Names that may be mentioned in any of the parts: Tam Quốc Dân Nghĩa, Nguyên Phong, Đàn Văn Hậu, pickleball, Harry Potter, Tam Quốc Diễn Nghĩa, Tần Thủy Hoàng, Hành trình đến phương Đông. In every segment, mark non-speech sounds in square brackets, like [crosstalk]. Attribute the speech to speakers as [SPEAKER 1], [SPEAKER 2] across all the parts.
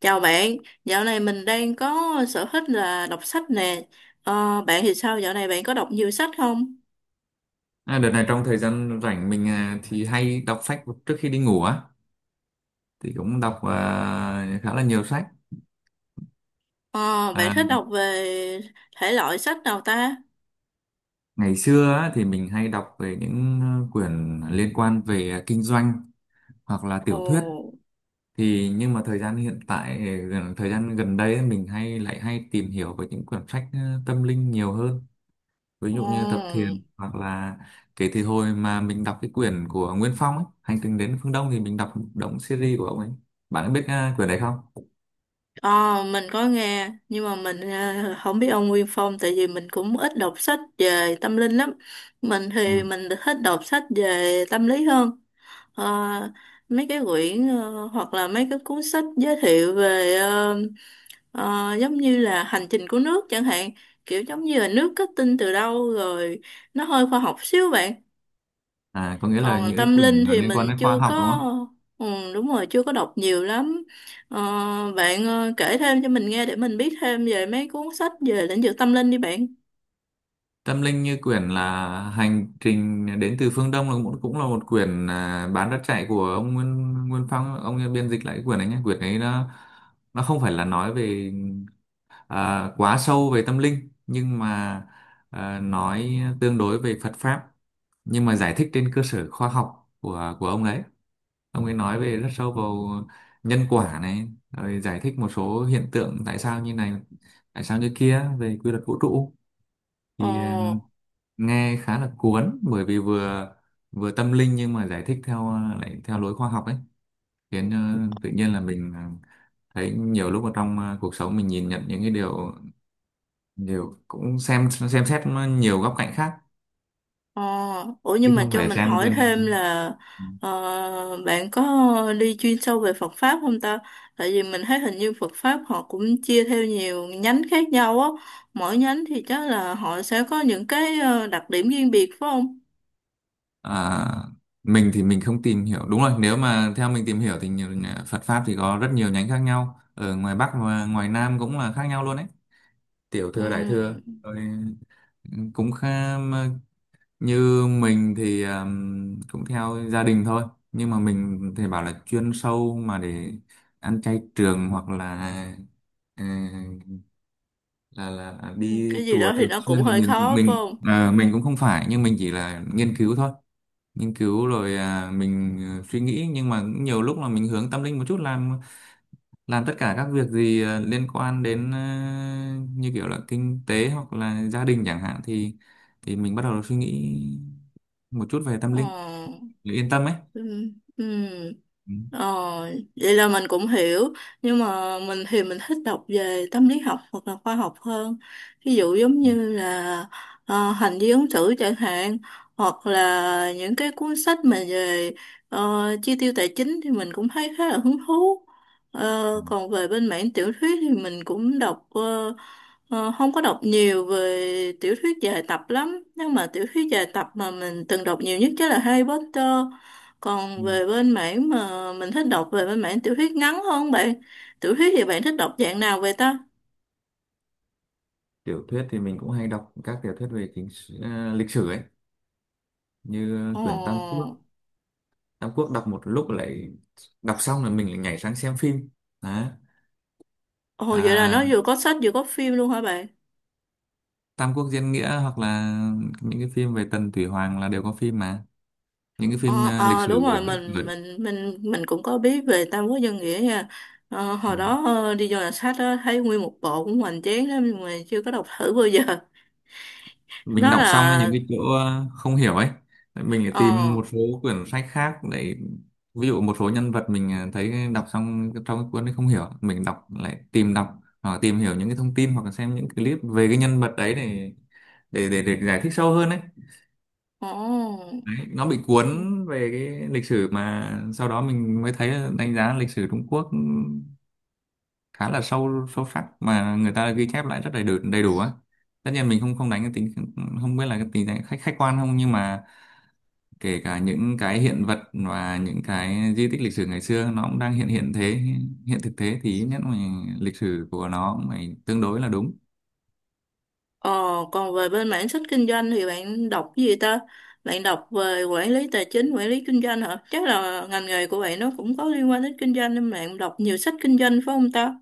[SPEAKER 1] Chào bạn, dạo này mình đang có sở thích là đọc sách nè. Ờ, Bạn thì sao? Dạo này bạn có đọc nhiều sách không?
[SPEAKER 2] Đợt này trong thời gian rảnh mình thì hay đọc sách trước khi đi ngủ á, thì cũng đọc khá là nhiều sách.
[SPEAKER 1] Ờ, Bạn
[SPEAKER 2] à,
[SPEAKER 1] thích đọc về thể loại sách nào ta?
[SPEAKER 2] Ngày xưa á, thì mình hay đọc về những quyển liên quan về kinh doanh hoặc là tiểu thuyết.
[SPEAKER 1] Ồ,
[SPEAKER 2] Nhưng mà thời gian hiện tại thời gian gần đây ấy, mình lại hay tìm hiểu về những quyển sách tâm linh nhiều hơn, ví
[SPEAKER 1] ồ,
[SPEAKER 2] dụ như Tập Thiền. Hoặc là kể từ hồi mà mình đọc cái quyển của Nguyên Phong ấy, Hành trình đến phương Đông, thì mình đọc động series của ông ấy. Bạn có biết quyển đấy không?
[SPEAKER 1] ờ, mình có nghe, nhưng mà mình không biết ông Nguyên Phong, tại vì mình cũng ít đọc sách về tâm linh lắm. Mình thì mình thích đọc sách về tâm lý hơn. Ờ, mấy cái quyển, hoặc là mấy cái cuốn sách giới thiệu về, giống như là hành trình của nước chẳng hạn, kiểu giống như là nước kết tinh từ đâu, rồi nó hơi khoa học xíu bạn.
[SPEAKER 2] À, có nghĩa là
[SPEAKER 1] Còn
[SPEAKER 2] những
[SPEAKER 1] tâm
[SPEAKER 2] quyển
[SPEAKER 1] linh
[SPEAKER 2] là
[SPEAKER 1] thì
[SPEAKER 2] liên
[SPEAKER 1] mình
[SPEAKER 2] quan đến khoa
[SPEAKER 1] chưa
[SPEAKER 2] học
[SPEAKER 1] có,
[SPEAKER 2] đúng không?
[SPEAKER 1] ừ, đúng rồi, chưa có đọc nhiều lắm. Ờ, bạn kể thêm cho mình nghe để mình biết thêm về mấy cuốn sách về lĩnh vực tâm linh đi bạn.
[SPEAKER 2] Tâm linh như quyển là Hành trình đến từ phương Đông là cũng cũng là một quyển bán rất chạy của ông Nguyên Nguyên Phong. Ông ấy biên dịch lại cái quyển ấy nhé. Quyển ấy nó không phải là nói về quá sâu về tâm linh, nhưng mà nói tương đối về Phật pháp, nhưng mà giải thích trên cơ sở khoa học của ông đấy. Ông ấy nói về rất sâu vào nhân quả này, rồi giải thích một số hiện tượng tại sao như này, tại sao như kia về quy luật vũ trụ.
[SPEAKER 1] Ờ.
[SPEAKER 2] thì ờ, Nghe khá là cuốn bởi vì vừa vừa tâm linh nhưng mà giải thích theo lại theo lối khoa học ấy, khiến tự nhiên là mình thấy nhiều lúc ở trong cuộc sống mình nhìn nhận những cái điều điều cũng xem xét nó nhiều góc cạnh khác,
[SPEAKER 1] Ờ, ủa
[SPEAKER 2] chứ
[SPEAKER 1] nhưng mà
[SPEAKER 2] không
[SPEAKER 1] cho
[SPEAKER 2] phải
[SPEAKER 1] mình
[SPEAKER 2] xem
[SPEAKER 1] hỏi
[SPEAKER 2] trên
[SPEAKER 1] thêm là,
[SPEAKER 2] ờ,
[SPEAKER 1] bạn có đi chuyên sâu về Phật pháp không ta? Tại vì mình thấy hình như Phật pháp họ cũng chia theo nhiều nhánh khác nhau á. Mỗi nhánh thì chắc là họ sẽ có những cái đặc điểm riêng biệt phải không?
[SPEAKER 2] À, mình thì mình không tìm hiểu, đúng rồi, nếu mà theo mình tìm hiểu thì Phật pháp thì có rất nhiều nhánh khác nhau, ở ngoài Bắc và ngoài Nam cũng là khác nhau luôn đấy, tiểu thừa đại
[SPEAKER 1] Ừ,
[SPEAKER 2] thừa rồi cũng khá. Như mình thì cũng theo gia đình thôi, nhưng mà mình thì bảo là chuyên sâu mà để ăn chay trường hoặc là ờ, là
[SPEAKER 1] ừ,
[SPEAKER 2] đi
[SPEAKER 1] cái gì đó
[SPEAKER 2] chùa
[SPEAKER 1] thì
[SPEAKER 2] thường
[SPEAKER 1] nó cũng
[SPEAKER 2] xuyên thì
[SPEAKER 1] hơi
[SPEAKER 2] mình
[SPEAKER 1] khó phải
[SPEAKER 2] mình
[SPEAKER 1] không?
[SPEAKER 2] ờ, mình cũng không phải, nhưng mình chỉ là nghiên cứu thôi. Nghiên cứu rồi mình suy nghĩ, nhưng mà cũng nhiều lúc là mình hướng tâm linh một chút, làm tất cả các việc gì liên quan đến như kiểu là kinh tế hoặc là gia đình chẳng hạn, thì mình bắt đầu suy nghĩ một chút về tâm
[SPEAKER 1] Ờ,
[SPEAKER 2] linh để yên tâm ấy.
[SPEAKER 1] ừ, ừ.
[SPEAKER 2] Ừ.
[SPEAKER 1] Ờ, vậy là mình cũng hiểu, nhưng mà mình thì mình thích đọc về tâm lý học hoặc là khoa học hơn, ví dụ giống
[SPEAKER 2] Ừ.
[SPEAKER 1] như là hành vi ứng xử chẳng hạn, hoặc là những cái cuốn sách mà về chi tiêu tài chính thì mình cũng thấy khá là hứng thú. Ờ,
[SPEAKER 2] À,
[SPEAKER 1] còn về bên mảng tiểu thuyết thì mình cũng đọc, không có đọc nhiều về tiểu thuyết dài tập lắm, nhưng mà tiểu thuyết dài tập mà mình từng đọc nhiều nhất chắc là Harry Potter. Còn
[SPEAKER 2] ừ.
[SPEAKER 1] về bên mảng mà mình thích đọc về bên mảng tiểu thuyết ngắn hơn bạn. Tiểu thuyết thì bạn thích đọc dạng nào vậy ta?
[SPEAKER 2] Tiểu thuyết thì mình cũng hay đọc các tiểu thuyết về lịch sử ấy, như quyển Tam
[SPEAKER 1] Ồ,
[SPEAKER 2] Quốc. Tam Quốc đọc một lúc, lại đọc xong là mình lại nhảy sang xem phim. Đó.
[SPEAKER 1] ồ, vậy là
[SPEAKER 2] À,
[SPEAKER 1] nó vừa có sách vừa có phim luôn hả bạn?
[SPEAKER 2] Tam Quốc Diễn Nghĩa hoặc là những cái phim về Tần Thủy Hoàng là đều có phim mà. Ừ, những cái phim
[SPEAKER 1] Ờ
[SPEAKER 2] lịch
[SPEAKER 1] ờ, đúng
[SPEAKER 2] sử
[SPEAKER 1] rồi,
[SPEAKER 2] ở,
[SPEAKER 1] mình
[SPEAKER 2] ở,
[SPEAKER 1] mình mình mình cũng có biết về Tam Quốc Dân Nghĩa nha. Hồi đó đi vô nhà sách á, thấy nguyên một bộ cũng hoành tráng lắm nhưng mà chưa có đọc thử bao giờ. [laughs]
[SPEAKER 2] mình
[SPEAKER 1] Nó
[SPEAKER 2] đọc xong ấy,
[SPEAKER 1] là
[SPEAKER 2] những cái chỗ không hiểu ấy, mình lại tìm
[SPEAKER 1] ờ,
[SPEAKER 2] một số quyển sách khác để ví dụ một số nhân vật mình thấy đọc xong trong cái cuốn ấy không hiểu, mình đọc lại tìm đọc hoặc là tìm hiểu những cái thông tin hoặc là xem những clip về cái nhân vật đấy, để để giải thích sâu hơn ấy.
[SPEAKER 1] ồ.
[SPEAKER 2] Đấy, nó bị cuốn về cái lịch sử, mà sau đó mình mới thấy là đánh giá lịch sử Trung Quốc ừ, khá là sâu sâu sắc mà người ta ghi chép lại rất đầy đủ á. Tất nhiên mình không không đánh cái tính, không biết là cái tính đánh khách khách quan không, nhưng mà kể cả những cái hiện vật và những cái di tích lịch sử ngày xưa nó cũng đang hiện hiện thế hiện thực thế, thì ít nhất mình lịch sử của nó phải tương đối là đúng.
[SPEAKER 1] Ờ, còn về bên mảng sách kinh doanh thì bạn đọc cái gì ta? Bạn đọc về quản lý tài chính, quản lý kinh doanh hả? Chắc là ngành nghề của bạn nó cũng có liên quan đến kinh doanh nên bạn đọc nhiều sách kinh doanh phải không ta?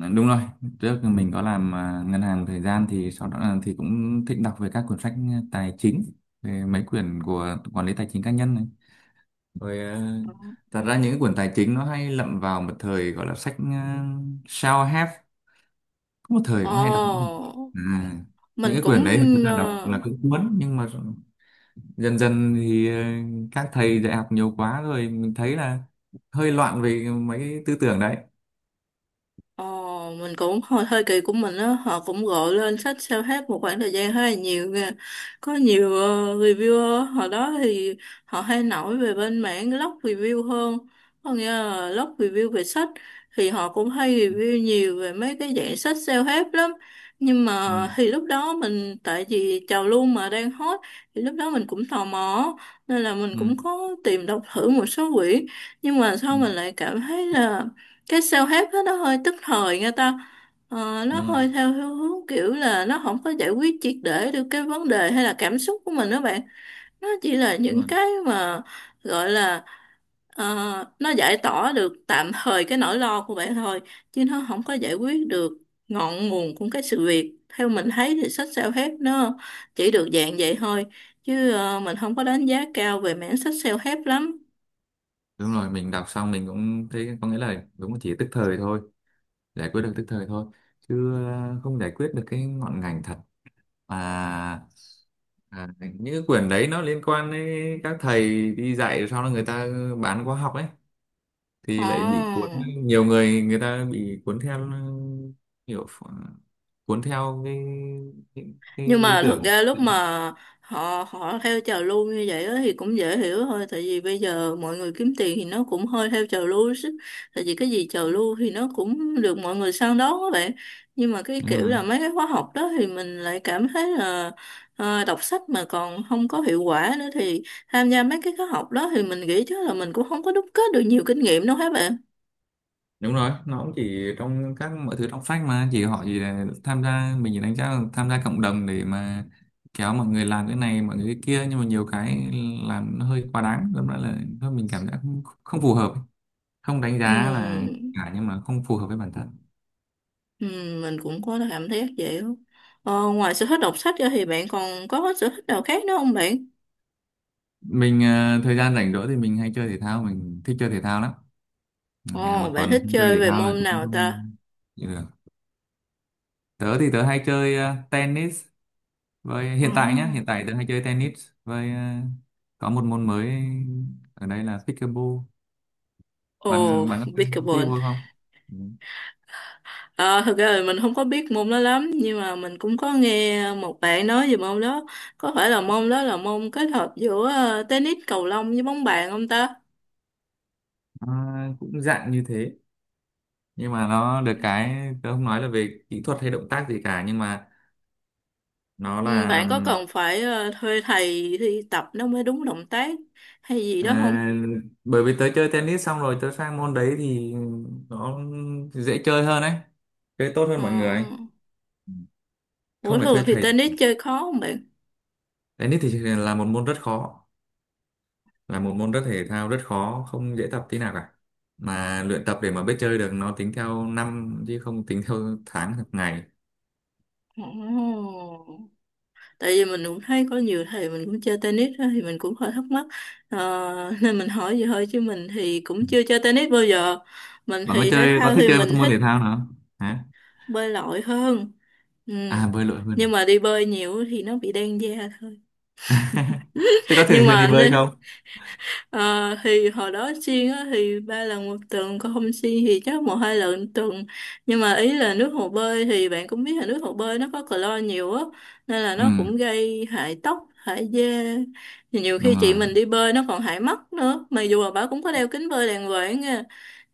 [SPEAKER 2] Ờ, đúng rồi, trước mình có làm ngân hàng một thời gian, thì sau đó là thì cũng thích đọc về các cuốn sách tài chính, về mấy quyển của quản lý tài chính cá nhân này. Rồi ờ, Thật ra những cái quyển tài chính nó hay lậm vào một thời, gọi là sách self help. Có một thời
[SPEAKER 1] Ờ,
[SPEAKER 2] cũng hay đọc những quyển à, những
[SPEAKER 1] mình
[SPEAKER 2] cái
[SPEAKER 1] cũng,
[SPEAKER 2] quyển đấy thì thật ra
[SPEAKER 1] ờ,
[SPEAKER 2] đọc là cũng cuốn, nhưng mà dần dần thì các thầy dạy học nhiều quá rồi mình thấy là hơi loạn về mấy cái tư tưởng đấy.
[SPEAKER 1] Ờ, mình cũng hơi, hơi kỳ của mình á, họ cũng gọi lên sách sao hết một khoảng thời gian khá là nhiều nha. Có nhiều reviewer, hồi đó thì họ hay nổi về bên mảng blog review hơn, có nghĩa là blog review về sách, thì họ cũng hay review nhiều về mấy cái dạng sách self help lắm. Nhưng
[SPEAKER 2] Ừ,
[SPEAKER 1] mà thì lúc đó mình, tại vì trào lưu mà đang hot, thì lúc đó mình cũng tò mò nên là mình
[SPEAKER 2] ừ,
[SPEAKER 1] cũng có tìm đọc thử một số quyển, nhưng mà
[SPEAKER 2] ừ,
[SPEAKER 1] sau mình lại cảm thấy là cái sao hết đó, nó hơi tức thời nghe ta. Ờ, nó
[SPEAKER 2] đúng rồi.
[SPEAKER 1] hơi theo hướng hướng kiểu là nó không có giải quyết triệt để được cái vấn đề hay là cảm xúc của mình đó bạn. Nó chỉ là
[SPEAKER 2] Đúng
[SPEAKER 1] những
[SPEAKER 2] rồi.
[SPEAKER 1] cái mà gọi là, ờ, nó giải tỏa được tạm thời cái nỗi lo của bạn thôi chứ nó không có giải quyết được ngọn nguồn của cái sự việc. Theo mình thấy thì sách sao hết nó chỉ được dạng vậy thôi, chứ mình không có đánh giá cao về mảng sách sao hết lắm.
[SPEAKER 2] Đúng rồi, mình đọc xong mình cũng thấy, có nghĩa là đúng là chỉ tức thời thôi, giải quyết được tức thời thôi, chứ không giải quyết được cái ngọn ngành thật. à, À, những cái quyển đấy nó liên quan đến các thầy đi dạy, sau đó người ta bán khóa học ấy,
[SPEAKER 1] Ồ,
[SPEAKER 2] thì lại bị cuốn. Nhiều người người ta bị cuốn theo, kiểu ph- cuốn theo cái, cái
[SPEAKER 1] nhưng
[SPEAKER 2] lý
[SPEAKER 1] mà thực
[SPEAKER 2] tưởng.
[SPEAKER 1] ra lúc mà họ họ theo trào lưu như vậy á thì cũng dễ hiểu thôi, tại vì bây giờ mọi người kiếm tiền thì nó cũng hơi theo trào lưu chứ, tại vì cái gì trào lưu thì nó cũng được mọi người săn đón các bạn. Nhưng mà cái
[SPEAKER 2] Đúng
[SPEAKER 1] kiểu
[SPEAKER 2] rồi.
[SPEAKER 1] là mấy cái khóa học đó thì mình lại cảm thấy là, đọc sách mà còn không có hiệu quả nữa thì tham gia mấy cái khóa học đó thì mình nghĩ chắc là mình cũng không có đúc kết được nhiều kinh nghiệm đâu các bạn.
[SPEAKER 2] Đúng rồi, nó cũng chỉ trong các, mọi thứ trong sách mà chỉ họ chỉ là tham gia, mình chỉ đánh giá là tham gia cộng đồng để mà kéo mọi người làm cái này, mọi người cái kia, nhưng mà nhiều cái làm nó hơi quá đáng, đâm ra là thôi mình cảm giác không, không phù hợp, không đánh giá là
[SPEAKER 1] Ừm.
[SPEAKER 2] cả, nhưng mà không phù hợp với bản thân.
[SPEAKER 1] Ừ, mình cũng có cảm thấy vậy đó. Ờ, ngoài sở thích đọc sách ra thì bạn còn có sở thích nào khác nữa không bạn?
[SPEAKER 2] Mình thời gian rảnh rỗi thì mình hay chơi thể thao, mình thích chơi thể thao lắm. Ngày một
[SPEAKER 1] Ồ, bạn
[SPEAKER 2] tuần
[SPEAKER 1] thích
[SPEAKER 2] không chơi
[SPEAKER 1] chơi
[SPEAKER 2] thể
[SPEAKER 1] về
[SPEAKER 2] thao là
[SPEAKER 1] môn
[SPEAKER 2] cũng
[SPEAKER 1] nào ta?
[SPEAKER 2] không chịu được. Tớ thì tớ hay chơi tennis. Với
[SPEAKER 1] Ồ,
[SPEAKER 2] hiện tại nhá, hiện tại tớ hay chơi tennis với có một môn mới ở đây là pickleball.
[SPEAKER 1] Ồ,
[SPEAKER 2] Bạn bạn có chơi
[SPEAKER 1] pickleball.
[SPEAKER 2] pickleball không? Ừ.
[SPEAKER 1] Ờ, thực ra là mình không có biết môn đó lắm, nhưng mà mình cũng có nghe một bạn nói về môn đó. Có phải là môn đó là môn kết hợp giữa tennis, cầu lông với bóng bàn không ta?
[SPEAKER 2] Nó cũng dạng như thế, nhưng mà nó được cái, tớ không nói là về kỹ thuật hay động tác gì cả, nhưng mà nó
[SPEAKER 1] Ừ,
[SPEAKER 2] là.
[SPEAKER 1] bạn có cần phải thuê thầy thì tập nó mới đúng động tác hay gì đó không?
[SPEAKER 2] À, bởi vì tớ chơi tennis xong rồi tớ sang môn đấy thì nó dễ chơi hơn ấy, chơi tốt hơn mọi người
[SPEAKER 1] Ờ,
[SPEAKER 2] ấy.
[SPEAKER 1] ủa
[SPEAKER 2] Không phải
[SPEAKER 1] thường
[SPEAKER 2] thuê
[SPEAKER 1] thì
[SPEAKER 2] thầy.
[SPEAKER 1] tennis chơi khó không bạn?
[SPEAKER 2] Tennis thì là một môn rất khó, là một môn thể thao rất khó, không dễ tập tí nào cả, mà luyện tập để mà biết chơi được nó tính theo năm chứ không tính theo tháng hoặc ngày.
[SPEAKER 1] Ồ. Tại vì mình cũng thấy có nhiều thầy mình cũng chơi tennis á, thì mình cũng hơi thắc mắc. Ờ, nên mình hỏi vậy thôi chứ mình thì cũng chưa chơi tennis bao giờ. Mình
[SPEAKER 2] Bạn có
[SPEAKER 1] thì thể
[SPEAKER 2] có
[SPEAKER 1] thao
[SPEAKER 2] thích
[SPEAKER 1] thì
[SPEAKER 2] chơi một
[SPEAKER 1] mình
[SPEAKER 2] môn
[SPEAKER 1] thích
[SPEAKER 2] thể thao nào không hả?
[SPEAKER 1] bơi lội hơn. Ừ.
[SPEAKER 2] À, bơi lội hơn
[SPEAKER 1] Nhưng
[SPEAKER 2] à?
[SPEAKER 1] mà đi bơi nhiều thì nó bị đen da thôi.
[SPEAKER 2] [laughs] Thế có
[SPEAKER 1] [laughs] Nhưng
[SPEAKER 2] thường xuyên đi
[SPEAKER 1] mà,
[SPEAKER 2] bơi không?
[SPEAKER 1] Ờ, thì hồi đó xiên á, thì ba lần một tuần, còn không xiên thì chắc một hai lần một tuần. Nhưng mà ý là nước hồ bơi thì bạn cũng biết là nước hồ bơi nó có clo nhiều á, nên là
[SPEAKER 2] Ừ,
[SPEAKER 1] nó cũng gây hại tóc hại da. Thì nhiều khi
[SPEAKER 2] đúng
[SPEAKER 1] chị
[SPEAKER 2] rồi.
[SPEAKER 1] mình đi bơi nó còn hại mắt nữa, mặc dù là bà cũng có đeo kính bơi đàng hoàng nha,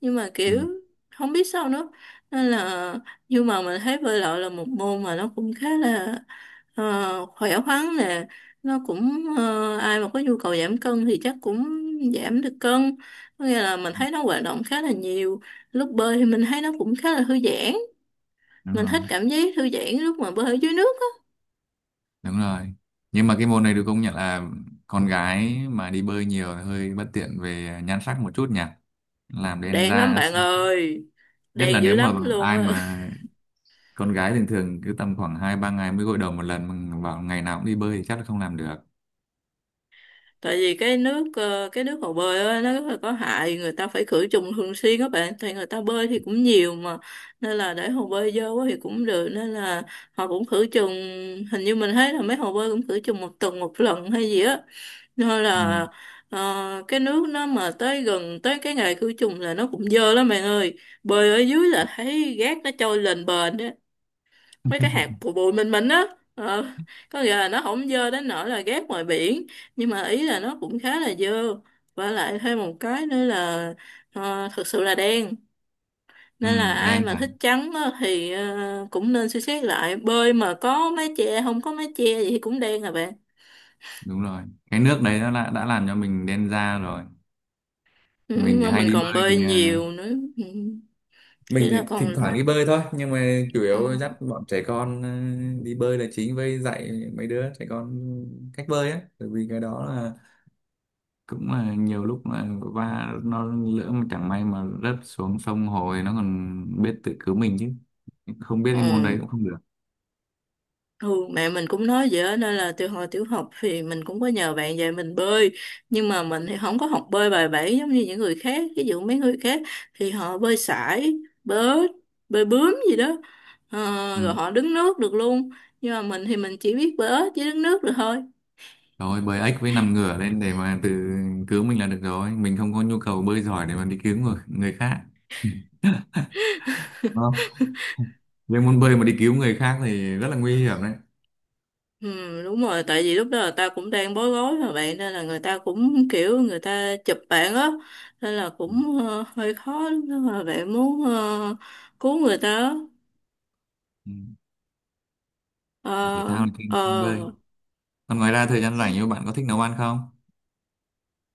[SPEAKER 1] nhưng mà
[SPEAKER 2] Ừ,
[SPEAKER 1] kiểu không biết sao nữa. Nên là, nhưng mà mình thấy bơi lội là một môn mà nó cũng khá là, khỏe khoắn nè, nó cũng, ai mà có nhu cầu giảm cân thì chắc cũng giảm được cân, có nghĩa là mình thấy nó hoạt động khá là nhiều. Lúc bơi thì mình thấy nó cũng khá là thư giãn,
[SPEAKER 2] đúng
[SPEAKER 1] mình
[SPEAKER 2] rồi.
[SPEAKER 1] thích cảm giác thư giãn lúc mà bơi ở dưới nước á.
[SPEAKER 2] Đúng rồi, nhưng mà cái môn này được công nhận là con gái mà đi bơi nhiều thì hơi bất tiện về nhan sắc một chút nhỉ, làm đen
[SPEAKER 1] Đèn lắm
[SPEAKER 2] da.
[SPEAKER 1] bạn ơi,
[SPEAKER 2] Nhất là
[SPEAKER 1] đèn dữ
[SPEAKER 2] nếu mà
[SPEAKER 1] lắm luôn
[SPEAKER 2] ai
[SPEAKER 1] á.
[SPEAKER 2] mà con gái thường thường cứ tầm khoảng hai ba ngày mới gội đầu một lần, mà bảo ngày nào cũng đi bơi thì chắc là không làm được.
[SPEAKER 1] Tại vì cái nước, cái nước hồ bơi á, nó rất là có hại, người ta phải khử trùng thường xuyên các bạn, thì người ta bơi thì cũng nhiều mà, nên là để hồ bơi dơ quá thì cũng được, nên là họ cũng khử trùng. Hình như mình thấy là mấy hồ bơi cũng khử trùng một tuần một lần hay gì á, nên
[SPEAKER 2] Ừ.
[SPEAKER 1] là, cái nước nó mà tới gần tới cái ngày khử trùng là nó cũng dơ lắm bạn ơi. Bơi ở dưới là thấy gác nó trôi lên bền đó, mấy cái hạt
[SPEAKER 2] [laughs]
[SPEAKER 1] bụi bụi mịn mịn á. Ờ, có nghĩa là nó không dơ đến nỗi là ghét ngoài biển, nhưng mà ý là nó cũng khá là dơ. Và lại thêm một cái nữa là, thực sự là đen,
[SPEAKER 2] Ừ,
[SPEAKER 1] nên là ai
[SPEAKER 2] đen
[SPEAKER 1] mà thích
[SPEAKER 2] hẳn.
[SPEAKER 1] trắng á, thì cũng nên suy xét lại, bơi mà có mái che không có mái che gì thì cũng đen à bạn.
[SPEAKER 2] Đúng rồi, cái nước đấy nó đã làm cho mình đen da rồi.
[SPEAKER 1] Ừ,
[SPEAKER 2] mình thì
[SPEAKER 1] mà
[SPEAKER 2] hay
[SPEAKER 1] mình
[SPEAKER 2] đi
[SPEAKER 1] còn
[SPEAKER 2] bơi
[SPEAKER 1] bơi
[SPEAKER 2] thì à,
[SPEAKER 1] nhiều nữa. Ừ,
[SPEAKER 2] mình
[SPEAKER 1] thì
[SPEAKER 2] thì
[SPEAKER 1] là
[SPEAKER 2] thỉnh
[SPEAKER 1] còn,
[SPEAKER 2] thoảng đi bơi thôi, nhưng mà chủ
[SPEAKER 1] ừ,
[SPEAKER 2] yếu dắt bọn trẻ con đi bơi là chính, với dạy mấy đứa trẻ con cách bơi á, bởi vì cái đó là cũng là nhiều lúc là nó lỡ mà chẳng may mà rớt xuống sông hồ thì nó còn biết tự cứu mình, chứ không biết cái môn
[SPEAKER 1] ừ.
[SPEAKER 2] đấy cũng không được.
[SPEAKER 1] Ừ, mẹ mình cũng nói vậy á, nên là từ hồi tiểu học thì mình cũng có nhờ bạn dạy mình bơi, nhưng mà mình thì không có học bơi bài bản giống như những người khác, ví dụ mấy người khác thì họ bơi sải, bơi bơi bướm gì đó. Ờ,
[SPEAKER 2] Ừ.
[SPEAKER 1] rồi họ đứng nước được luôn, nhưng mà mình thì mình chỉ biết bơi ếch với đứng nước được thôi.
[SPEAKER 2] Rồi bơi ếch với nằm ngửa lên để mà tự cứu mình là được rồi, mình không có nhu cầu bơi giỏi để mà đi cứu người khác đúng không? Nhưng môn bơi mà đi cứu người khác thì rất là nguy hiểm đấy.
[SPEAKER 1] Ừ, đúng rồi, tại vì lúc đó là ta cũng đang bối rối mà bạn, nên là người ta cũng kiểu người ta chụp bạn á, nên là cũng hơi khó lúc đó mà bạn muốn cứu người ta á.
[SPEAKER 2] Ừ. Là thể thao
[SPEAKER 1] Ờ,
[SPEAKER 2] thì
[SPEAKER 1] ờ,
[SPEAKER 2] bơi, còn ngoài ra thời gian rảnh, như bạn có thích nấu ăn không?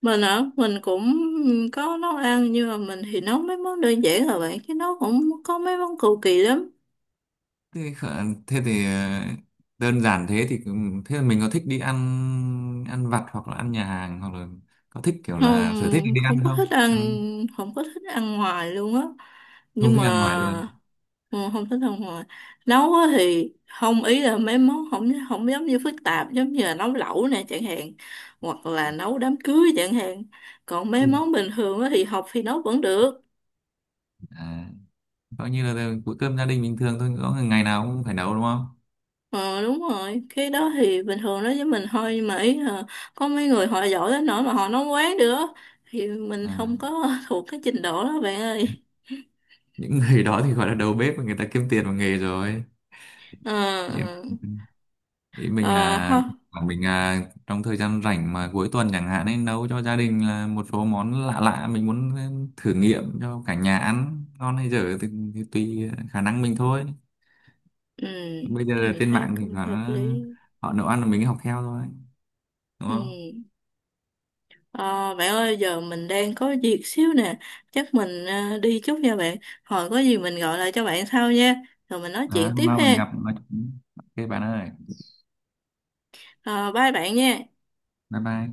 [SPEAKER 1] mình á, mình cũng có nấu ăn, nhưng mà mình thì nấu mấy món đơn giản là bạn, chứ nấu cũng có mấy món cầu kỳ lắm.
[SPEAKER 2] Thế, khờ- thế thì ờ, Đơn giản thế thì thế là mình có thích đi ăn, ăn vặt hoặc là ăn nhà hàng, hoặc là có thích kiểu là sở thích
[SPEAKER 1] Không,
[SPEAKER 2] đi
[SPEAKER 1] không
[SPEAKER 2] ăn
[SPEAKER 1] có thích
[SPEAKER 2] không,
[SPEAKER 1] ăn, không có thích ăn ngoài luôn á.
[SPEAKER 2] không
[SPEAKER 1] Nhưng
[SPEAKER 2] thích ăn ngoài luôn?
[SPEAKER 1] mà ừ, không thích ăn ngoài. Nấu á thì không, ý là mấy món không không giống như phức tạp giống như là nấu lẩu nè chẳng hạn, hoặc là nấu đám cưới chẳng hạn. Còn mấy
[SPEAKER 2] Ui.
[SPEAKER 1] món bình thường á thì học thì nấu vẫn được.
[SPEAKER 2] À, coi như là bữa cơm gia đình bình thường thôi, có ngày nào cũng phải nấu đúng không?
[SPEAKER 1] Ờ đúng rồi, cái đó thì bình thường đó với mình thôi, nhưng mà ý là có mấy người họ giỏi đến nỗi mà họ nói quán nữa thì mình
[SPEAKER 2] À,
[SPEAKER 1] không có [laughs] thuộc cái trình độ đó bạn ơi.
[SPEAKER 2] những người [laughs] đó thì gọi là đầu bếp, người ta kiếm tiền bằng nghề rồi.
[SPEAKER 1] Ờ
[SPEAKER 2] Nhiều.
[SPEAKER 1] ờ,
[SPEAKER 2] Ý mình
[SPEAKER 1] Ờ,
[SPEAKER 2] là
[SPEAKER 1] ha.
[SPEAKER 2] là mình à, trong thời gian rảnh mà cuối tuần chẳng hạn, nên nấu cho gia đình là một số món lạ lạ, mình muốn thử nghiệm cho cả nhà ăn, ngon hay dở thì tùy khả năng mình thôi.
[SPEAKER 1] Ừ,
[SPEAKER 2] Bây giờ
[SPEAKER 1] mình
[SPEAKER 2] trên
[SPEAKER 1] thấy
[SPEAKER 2] mạng thì
[SPEAKER 1] cũng
[SPEAKER 2] là
[SPEAKER 1] hợp lý.
[SPEAKER 2] họ nấu ăn là mình học theo thôi, đúng
[SPEAKER 1] Ừ.
[SPEAKER 2] không?
[SPEAKER 1] Ờ, bạn ơi giờ mình đang có việc xíu nè, chắc mình đi chút nha bạn. Hồi có gì mình gọi lại cho bạn sau nha, rồi mình nói
[SPEAKER 2] Đó,
[SPEAKER 1] chuyện
[SPEAKER 2] hôm
[SPEAKER 1] tiếp
[SPEAKER 2] nào mình
[SPEAKER 1] ha.
[SPEAKER 2] gặp nói chuyện. Ok bạn ơi,
[SPEAKER 1] Ờ, bye bạn nha.
[SPEAKER 2] bye bye.